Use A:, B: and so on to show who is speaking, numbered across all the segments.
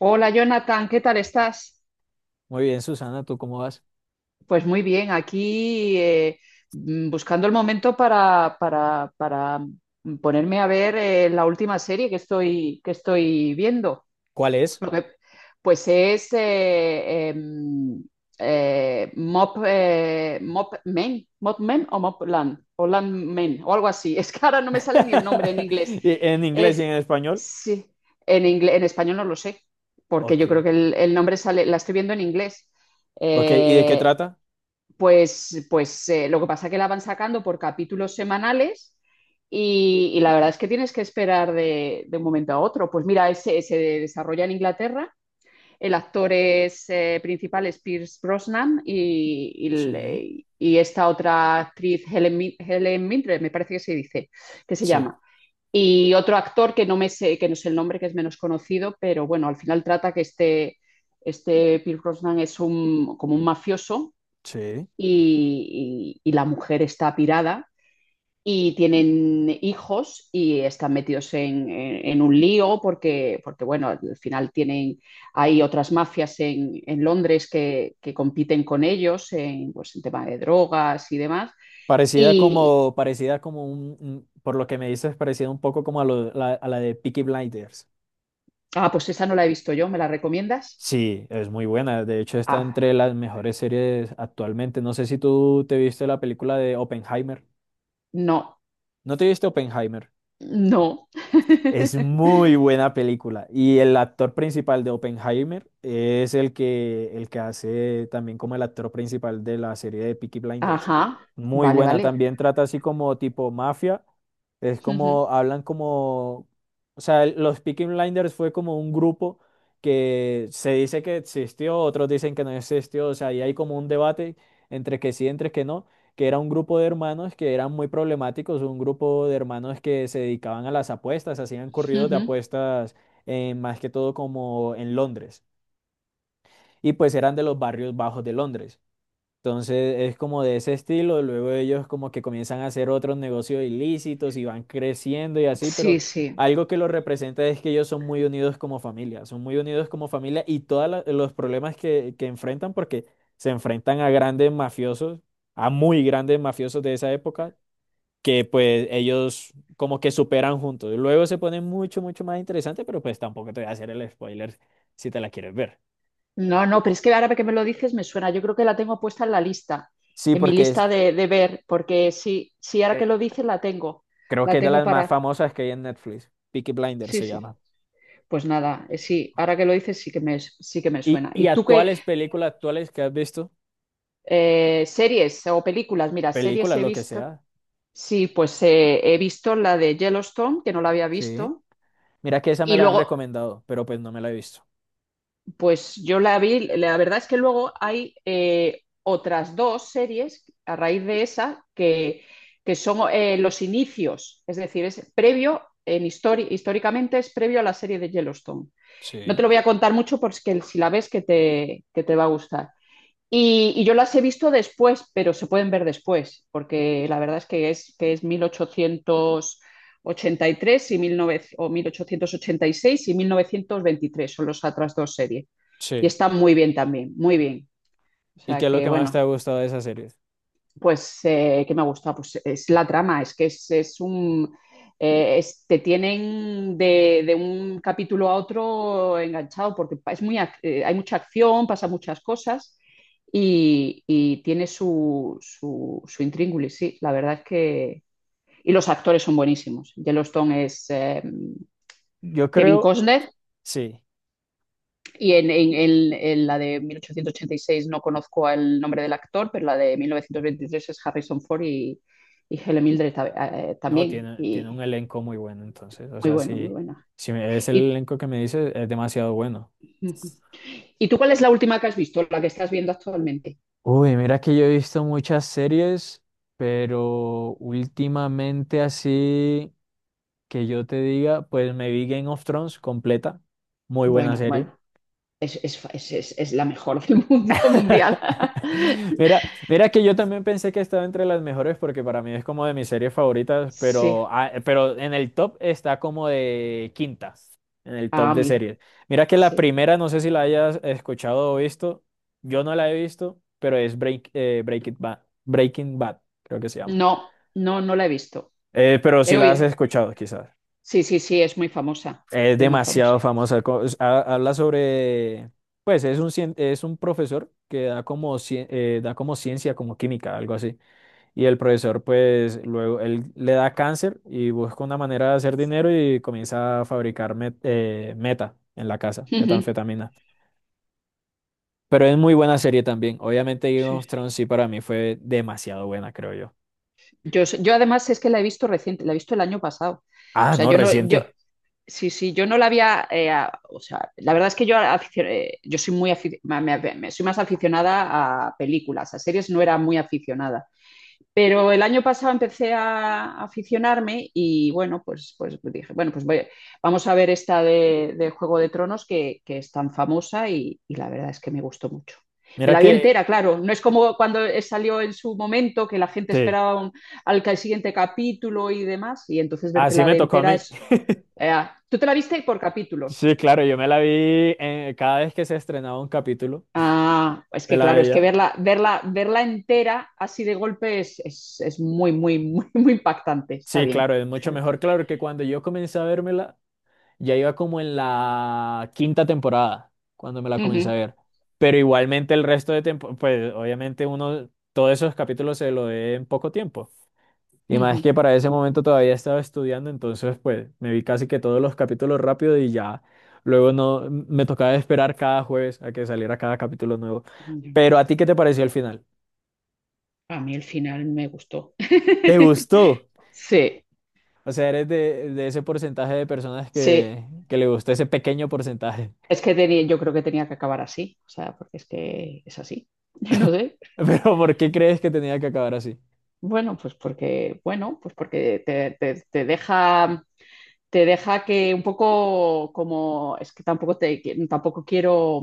A: Hola Jonathan, ¿qué tal estás?
B: Muy bien, Susana, ¿tú cómo vas?
A: Pues muy bien, aquí buscando el momento para ponerme a ver la última serie que estoy viendo.
B: ¿Cuál es?
A: Lo que, pues es Mop Men, Mop Men o Mop Land, o Land Men, o algo así. Es que ahora no me sale ni el nombre en inglés.
B: ¿Y ¿En inglés y
A: Es,
B: en español?
A: sí, inglés, en español no lo sé, porque
B: Ok,
A: yo creo que el nombre sale, la estoy viendo en inglés.
B: ok, ¿y de qué
A: Eh,
B: trata?
A: pues lo que pasa es que la van sacando por capítulos semanales. Y la verdad es que tienes que esperar de un momento a otro. Pues mira, ese se desarrolla en Inglaterra. El actor principal es Pierce Brosnan, y,
B: Sí,
A: y- y esta otra actriz, Helen Mildred, me parece que se dice, que se
B: sí,
A: llama. Y otro actor que que no sé el nombre, que es menos conocido, pero bueno, al final trata que este Pierce Brosnan como un mafioso,
B: sí.
A: y la mujer está pirada, y tienen hijos y están metidos en un lío, porque, bueno, al final hay otras mafias en Londres que compiten con ellos pues, en tema de drogas y demás. Y,
B: Parecida como por lo que me dices, parecida un poco como a la de Peaky Blinders.
A: ah, pues esa no la he visto yo, ¿me la recomiendas?
B: Sí, es muy buena. De hecho, está entre
A: Ah,
B: las mejores series actualmente. No sé si tú te viste la película de Oppenheimer.
A: no,
B: ¿No te viste Oppenheimer?
A: no.
B: Es muy buena película. Y el actor principal de Oppenheimer es el que hace también como el actor principal de la serie de Peaky Blinders.
A: Ajá,
B: Muy
A: vale,
B: buena.
A: vale.
B: También trata así como tipo mafia. Es
A: Ujú,
B: como, hablan como, o sea, los Peaky Blinders fue como un grupo que se dice que existió, otros dicen que no existió. O sea, ahí hay como un debate entre que sí, entre que no, que era un grupo de hermanos que eran muy problemáticos, un grupo de hermanos que se dedicaban a las apuestas, hacían corridos de
A: ujú.
B: apuestas más que todo como en Londres, y pues eran de los barrios bajos de Londres. Entonces es como de ese estilo, luego ellos como que comienzan a hacer otros negocios ilícitos y van creciendo y así, pero
A: Sí, sí.
B: algo que los representa es que ellos son muy unidos como familia, son muy unidos como familia y todos los problemas que enfrentan, porque se enfrentan a grandes mafiosos, a muy grandes mafiosos de esa época, que pues ellos como que superan juntos. Luego se pone mucho, mucho más interesante, pero pues tampoco te voy a hacer el spoiler si te la quieres ver.
A: No, no, pero es que ahora que me lo dices me suena. Yo creo que la tengo puesta en la lista,
B: Sí,
A: en mi
B: porque es,
A: lista de ver, porque sí, sí, ahora que
B: eh,
A: lo dices la tengo,
B: creo que
A: la
B: es de
A: tengo
B: las más
A: Para.
B: famosas que hay en Netflix. Peaky Blinders
A: Sí,
B: se
A: sí.
B: llama.
A: Pues nada, sí, ahora que lo dices sí que me
B: Y,
A: suena.
B: y
A: ¿Y tú qué
B: actuales, películas actuales que has visto,
A: series o películas? Mira, series
B: películas,
A: he
B: lo que
A: visto.
B: sea.
A: Sí, pues he visto la de Yellowstone, que no la había
B: Sí.
A: visto.
B: Mira que esa me
A: Y
B: la han
A: luego,
B: recomendado, pero pues no me la he visto.
A: Pues yo la vi, la verdad es que luego hay otras dos series a raíz de esa que son los inicios, es decir, es previo, en históricamente es previo a la serie de Yellowstone. No te
B: Sí,
A: lo voy a contar mucho porque si la ves que te va a gustar. Y yo las he visto después, pero se pueden ver después, porque la verdad es que es que es mil ochocientos ochenta y 19, o 1886 y 1923 son los otras dos series. Y
B: sí.
A: están muy bien también, muy bien. O
B: ¿Y qué
A: sea
B: es lo
A: que,
B: que más te ha
A: bueno,
B: gustado de esa serie?
A: pues, ¿qué me gusta? Pues es la trama, es que es un... te tienen de un capítulo a otro enganchado porque es hay mucha acción, pasa muchas cosas, y tiene su intríngulis, sí, la verdad es que... Y los actores son buenísimos. Yellowstone es
B: Yo
A: Kevin
B: creo,
A: Costner,
B: sí.
A: y en la de 1886 no conozco el nombre del actor, pero la de 1923 es Harrison Ford, y Helen Mildred
B: No,
A: también.
B: tiene, tiene un
A: Y
B: elenco muy bueno, entonces. O
A: muy
B: sea,
A: bueno, muy
B: si,
A: buena.
B: es el
A: Y,
B: elenco que me dice, es demasiado bueno.
A: ujú. ¿Y tú cuál es la última que has visto, la que estás viendo actualmente?
B: Uy, mira que yo he visto muchas series, pero últimamente así que yo te diga, pues me vi Game of Thrones completa. Muy buena
A: Bueno,
B: serie.
A: bueno, es la mejor del mundo mundial.
B: Mira, mira que yo también pensé que estaba entre las mejores porque para mí es como de mis series favoritas,
A: Sí,
B: pero, ah, pero en el top está como de quintas, en el
A: ah,
B: top de
A: amigo,
B: series. Mira que la
A: sí.
B: primera, no sé si la hayas escuchado o visto, yo no la he visto, pero es Breaking Bad, Breaking Bad, creo que se llama.
A: No, no, no la he visto.
B: Pero
A: He
B: si la has
A: oído.
B: escuchado, quizás.
A: Sí, sí, sí, es muy famosa.
B: Es
A: Es muy famosa.
B: demasiado famosa. Habla sobre, pues es un, es un profesor que da como, da como ciencia, como química, algo así. Y el profesor, pues luego, él le da cáncer y busca una manera de hacer dinero y comienza a fabricar meta en la casa,
A: Ujú,
B: metanfetamina. Pero es muy buena serie también. Obviamente Game of
A: sí.
B: Thrones sí para mí fue demasiado buena, creo yo.
A: Yo además es que la he visto reciente, la he visto el año pasado. O
B: Ah,
A: sea,
B: no,
A: yo no, yo,
B: reciente.
A: sí, sí, yo no la había, o sea, la verdad es que yo soy muy, afi- ma- me- me- soy más aficionada a películas, a series no era muy aficionada. Pero el año pasado empecé a aficionarme, y bueno, pues dije, bueno, pues vamos a ver esta de Juego de Tronos que es tan famosa, y la verdad es que me gustó mucho. Me
B: Mira
A: la vi
B: que,
A: entera, claro. No es
B: eh,
A: como cuando salió en su momento, que la gente
B: sí,
A: esperaba siguiente capítulo y demás, y entonces
B: así
A: vértela
B: me
A: de
B: tocó a
A: entera
B: mí.
A: es... eh, ¿tú te la viste por
B: Sí,
A: capítulos?
B: claro, yo me la vi cada vez que se estrenaba un capítulo,
A: Ah, es
B: me
A: que
B: la
A: claro, es que
B: veía.
A: verla entera así de golpe es muy, muy, muy, muy impactante. Está
B: Sí,
A: bien,
B: claro, es mucho
A: está
B: mejor, claro, que cuando yo comencé a vérmela, ya iba como en la quinta temporada, cuando me la comencé a
A: bien.
B: ver. Pero igualmente el resto de tiempo, pues obviamente uno, todos esos capítulos se lo ve en poco tiempo. Y
A: Ujú,
B: más
A: ujú.
B: que para ese momento todavía estaba estudiando, entonces pues me vi casi que todos los capítulos rápido y ya. Luego no, me tocaba esperar cada jueves a que saliera cada capítulo nuevo.
A: Ujú.
B: Pero ¿a ti qué te pareció el final?
A: A mí el final me gustó.
B: ¿Te gustó?
A: Sí,
B: O sea, eres de ese porcentaje de personas
A: sí.
B: que le gustó ese pequeño porcentaje.
A: Es que tenía, yo creo que tenía que acabar así. O sea, porque es que es así. No sé.
B: Pero ¿por qué crees que tenía que acabar así?
A: Bueno, bueno, pues porque te deja que un poco como, es que tampoco quiero.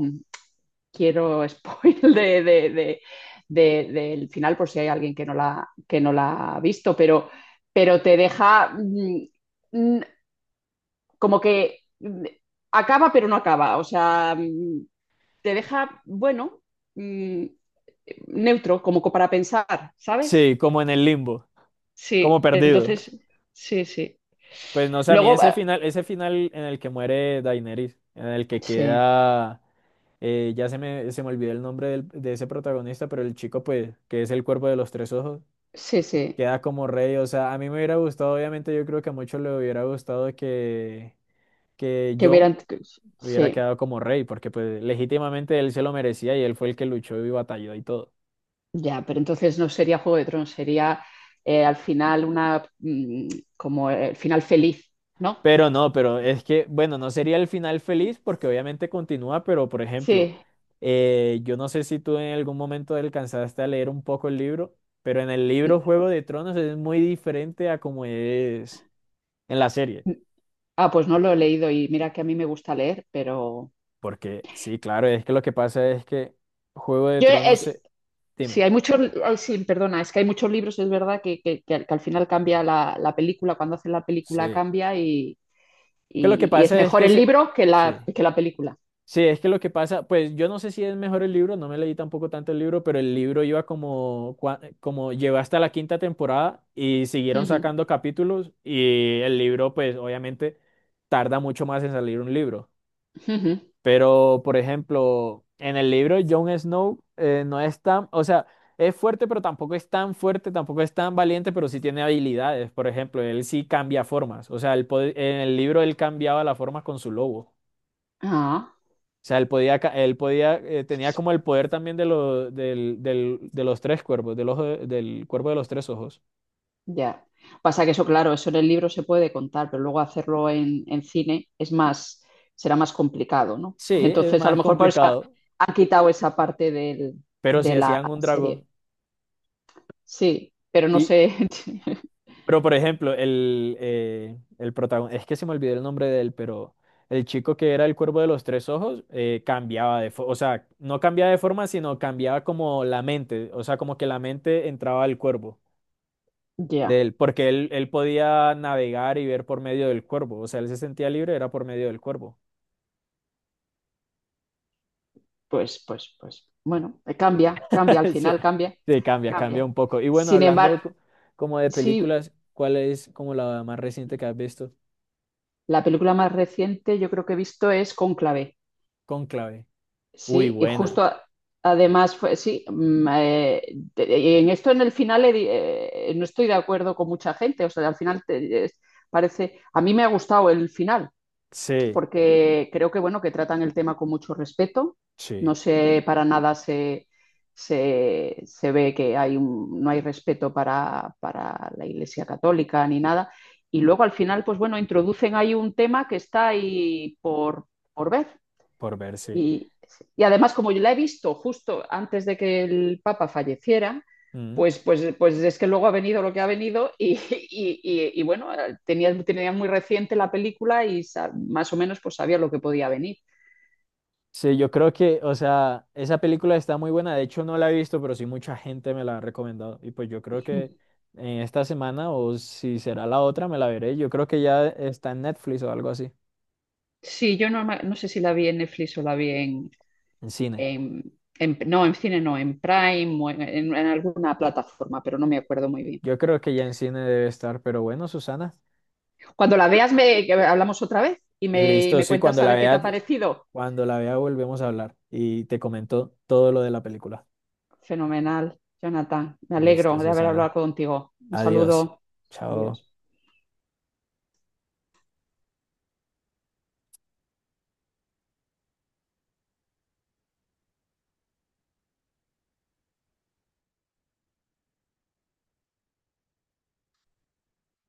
A: Quiero spoil del final por si hay alguien que que no la ha visto, pero, te deja mm, como que acaba pero no acaba, o sea, te deja, bueno, mm, neutro, como para pensar, ¿sabes?
B: Sí, como en el limbo, como
A: Sí,
B: perdido.
A: entonces, sí, sí.
B: Pues no sé, a mí
A: Luego,
B: ese final en el que muere Daenerys, en el que
A: sí,
B: queda, ya se me olvidó el nombre de ese protagonista, pero el chico, pues, que es el cuerpo de los tres ojos,
A: sí, sí,
B: queda como rey. O sea, a mí me hubiera gustado, obviamente, yo creo que a muchos le hubiera gustado que
A: que
B: Jon
A: hubieran,
B: hubiera
A: sí.
B: quedado como rey, porque pues legítimamente él se lo merecía y él fue el que luchó y batalló y todo.
A: Ya, pero entonces no sería Juego de Tronos, sería al final una como el final feliz, ¿no?
B: Pero no, pero es que, bueno, no sería el final feliz porque obviamente continúa, pero por ejemplo,
A: Sí.
B: yo no sé si tú en algún momento alcanzaste a leer un poco el libro, pero en el libro Juego de Tronos es muy diferente a como es en la serie,
A: Ah, pues no lo he leído y mira que a mí me gusta leer, pero
B: porque sí, claro, es que lo que pasa es que Juego de
A: yo
B: Tronos
A: es
B: se...
A: sí
B: Dime,
A: hay muchos, ay, sí, perdona, es que hay muchos libros, es verdad que al final cambia la película, cuando hacen la película
B: sí.
A: cambia, y,
B: Que lo que
A: y- y es
B: pasa es
A: mejor
B: que
A: el
B: se...
A: libro que
B: Sí.
A: la película.
B: Sí, es que lo que pasa, pues yo no sé si es mejor el libro, no me leí tampoco tanto el libro, pero el libro iba como, como llegó hasta la quinta temporada y siguieron
A: Ujú,
B: sacando capítulos y el libro, pues obviamente tarda mucho más en salir un libro.
A: ujú.
B: Pero, por ejemplo, en el libro Jon Snow no es tan, o sea, es fuerte, pero tampoco es tan fuerte, tampoco es tan valiente, pero sí tiene habilidades. Por ejemplo, él sí cambia formas, o sea, en el libro él cambiaba la forma con su lobo.
A: Ah.
B: O sea, él podía, tenía como el poder también de, de los tres cuervos, del ojo, del cuervo de los tres ojos.
A: Ya. Pasa que eso, claro, eso en el libro se puede contar, pero luego hacerlo en cine es más, será más complicado, ¿no?
B: Sí, es
A: Entonces, a lo
B: más
A: mejor por eso
B: complicado,
A: han quitado esa parte
B: pero si
A: de la
B: hacían un
A: serie.
B: dragón.
A: Sí, pero no
B: Y,
A: sé.
B: pero por ejemplo, el protagonista, es que se me olvidó el nombre de él, pero el chico que era el cuervo de los tres ojos cambiaba de forma, o sea, no cambiaba de forma, sino cambiaba como la mente, o sea, como que la mente entraba al cuervo. De
A: Ya,
B: él, porque él podía navegar y ver por medio del cuervo, o sea, él se sentía libre, era por medio del cuervo.
A: pues. Bueno, cambia, cambia, al
B: Sí,
A: final cambia,
B: sí cambia, cambia
A: cambia.
B: un poco. Y bueno,
A: Sin embargo,
B: hablando como de
A: sí,
B: películas, ¿cuál es como la más reciente que has visto?
A: la película más reciente yo creo que he visto es Cónclave.
B: Cónclave. Uy,
A: Sí, y justo
B: buena.
A: además fue, sí, y en esto en el final no estoy de acuerdo con mucha gente, o sea, al final parece, a mí me ha gustado el final,
B: Sí,
A: porque creo que bueno, que tratan el tema con mucho respeto,
B: sí,
A: no sé, para nada se ve que hay no hay respeto para la Iglesia Católica ni nada, y luego al final, pues bueno, introducen ahí un tema que está ahí por ver,
B: por verse.
A: y, y además, como yo la he visto justo antes de que el Papa falleciera,
B: Mm.
A: pues es que luego ha venido lo que ha venido, y bueno, tenía muy reciente la película y más o menos pues sabía lo que podía venir.
B: Sí, yo creo que, o sea, esa película está muy buena. De hecho, no la he visto, pero sí mucha gente me la ha recomendado. Y pues yo creo que en esta semana, o si será la otra, me la veré. Yo creo que ya está en Netflix o algo así.
A: Sí, yo no, no sé si la vi en Netflix o la vi
B: En cine.
A: en, no, en cine no, en Prime o en alguna plataforma, pero no me acuerdo muy bien.
B: Yo creo que ya en cine debe estar, pero bueno, Susana.
A: Cuando la veas me que hablamos otra vez, y me,
B: Listo, sí,
A: cuentas a ver qué te ha parecido.
B: cuando la vea volvemos a hablar y te comento todo lo de la película.
A: Fenomenal, Jonathan. Me alegro
B: Listo,
A: de haber
B: Susana.
A: hablado contigo. Un
B: Adiós.
A: saludo.
B: Chao.
A: Adiós.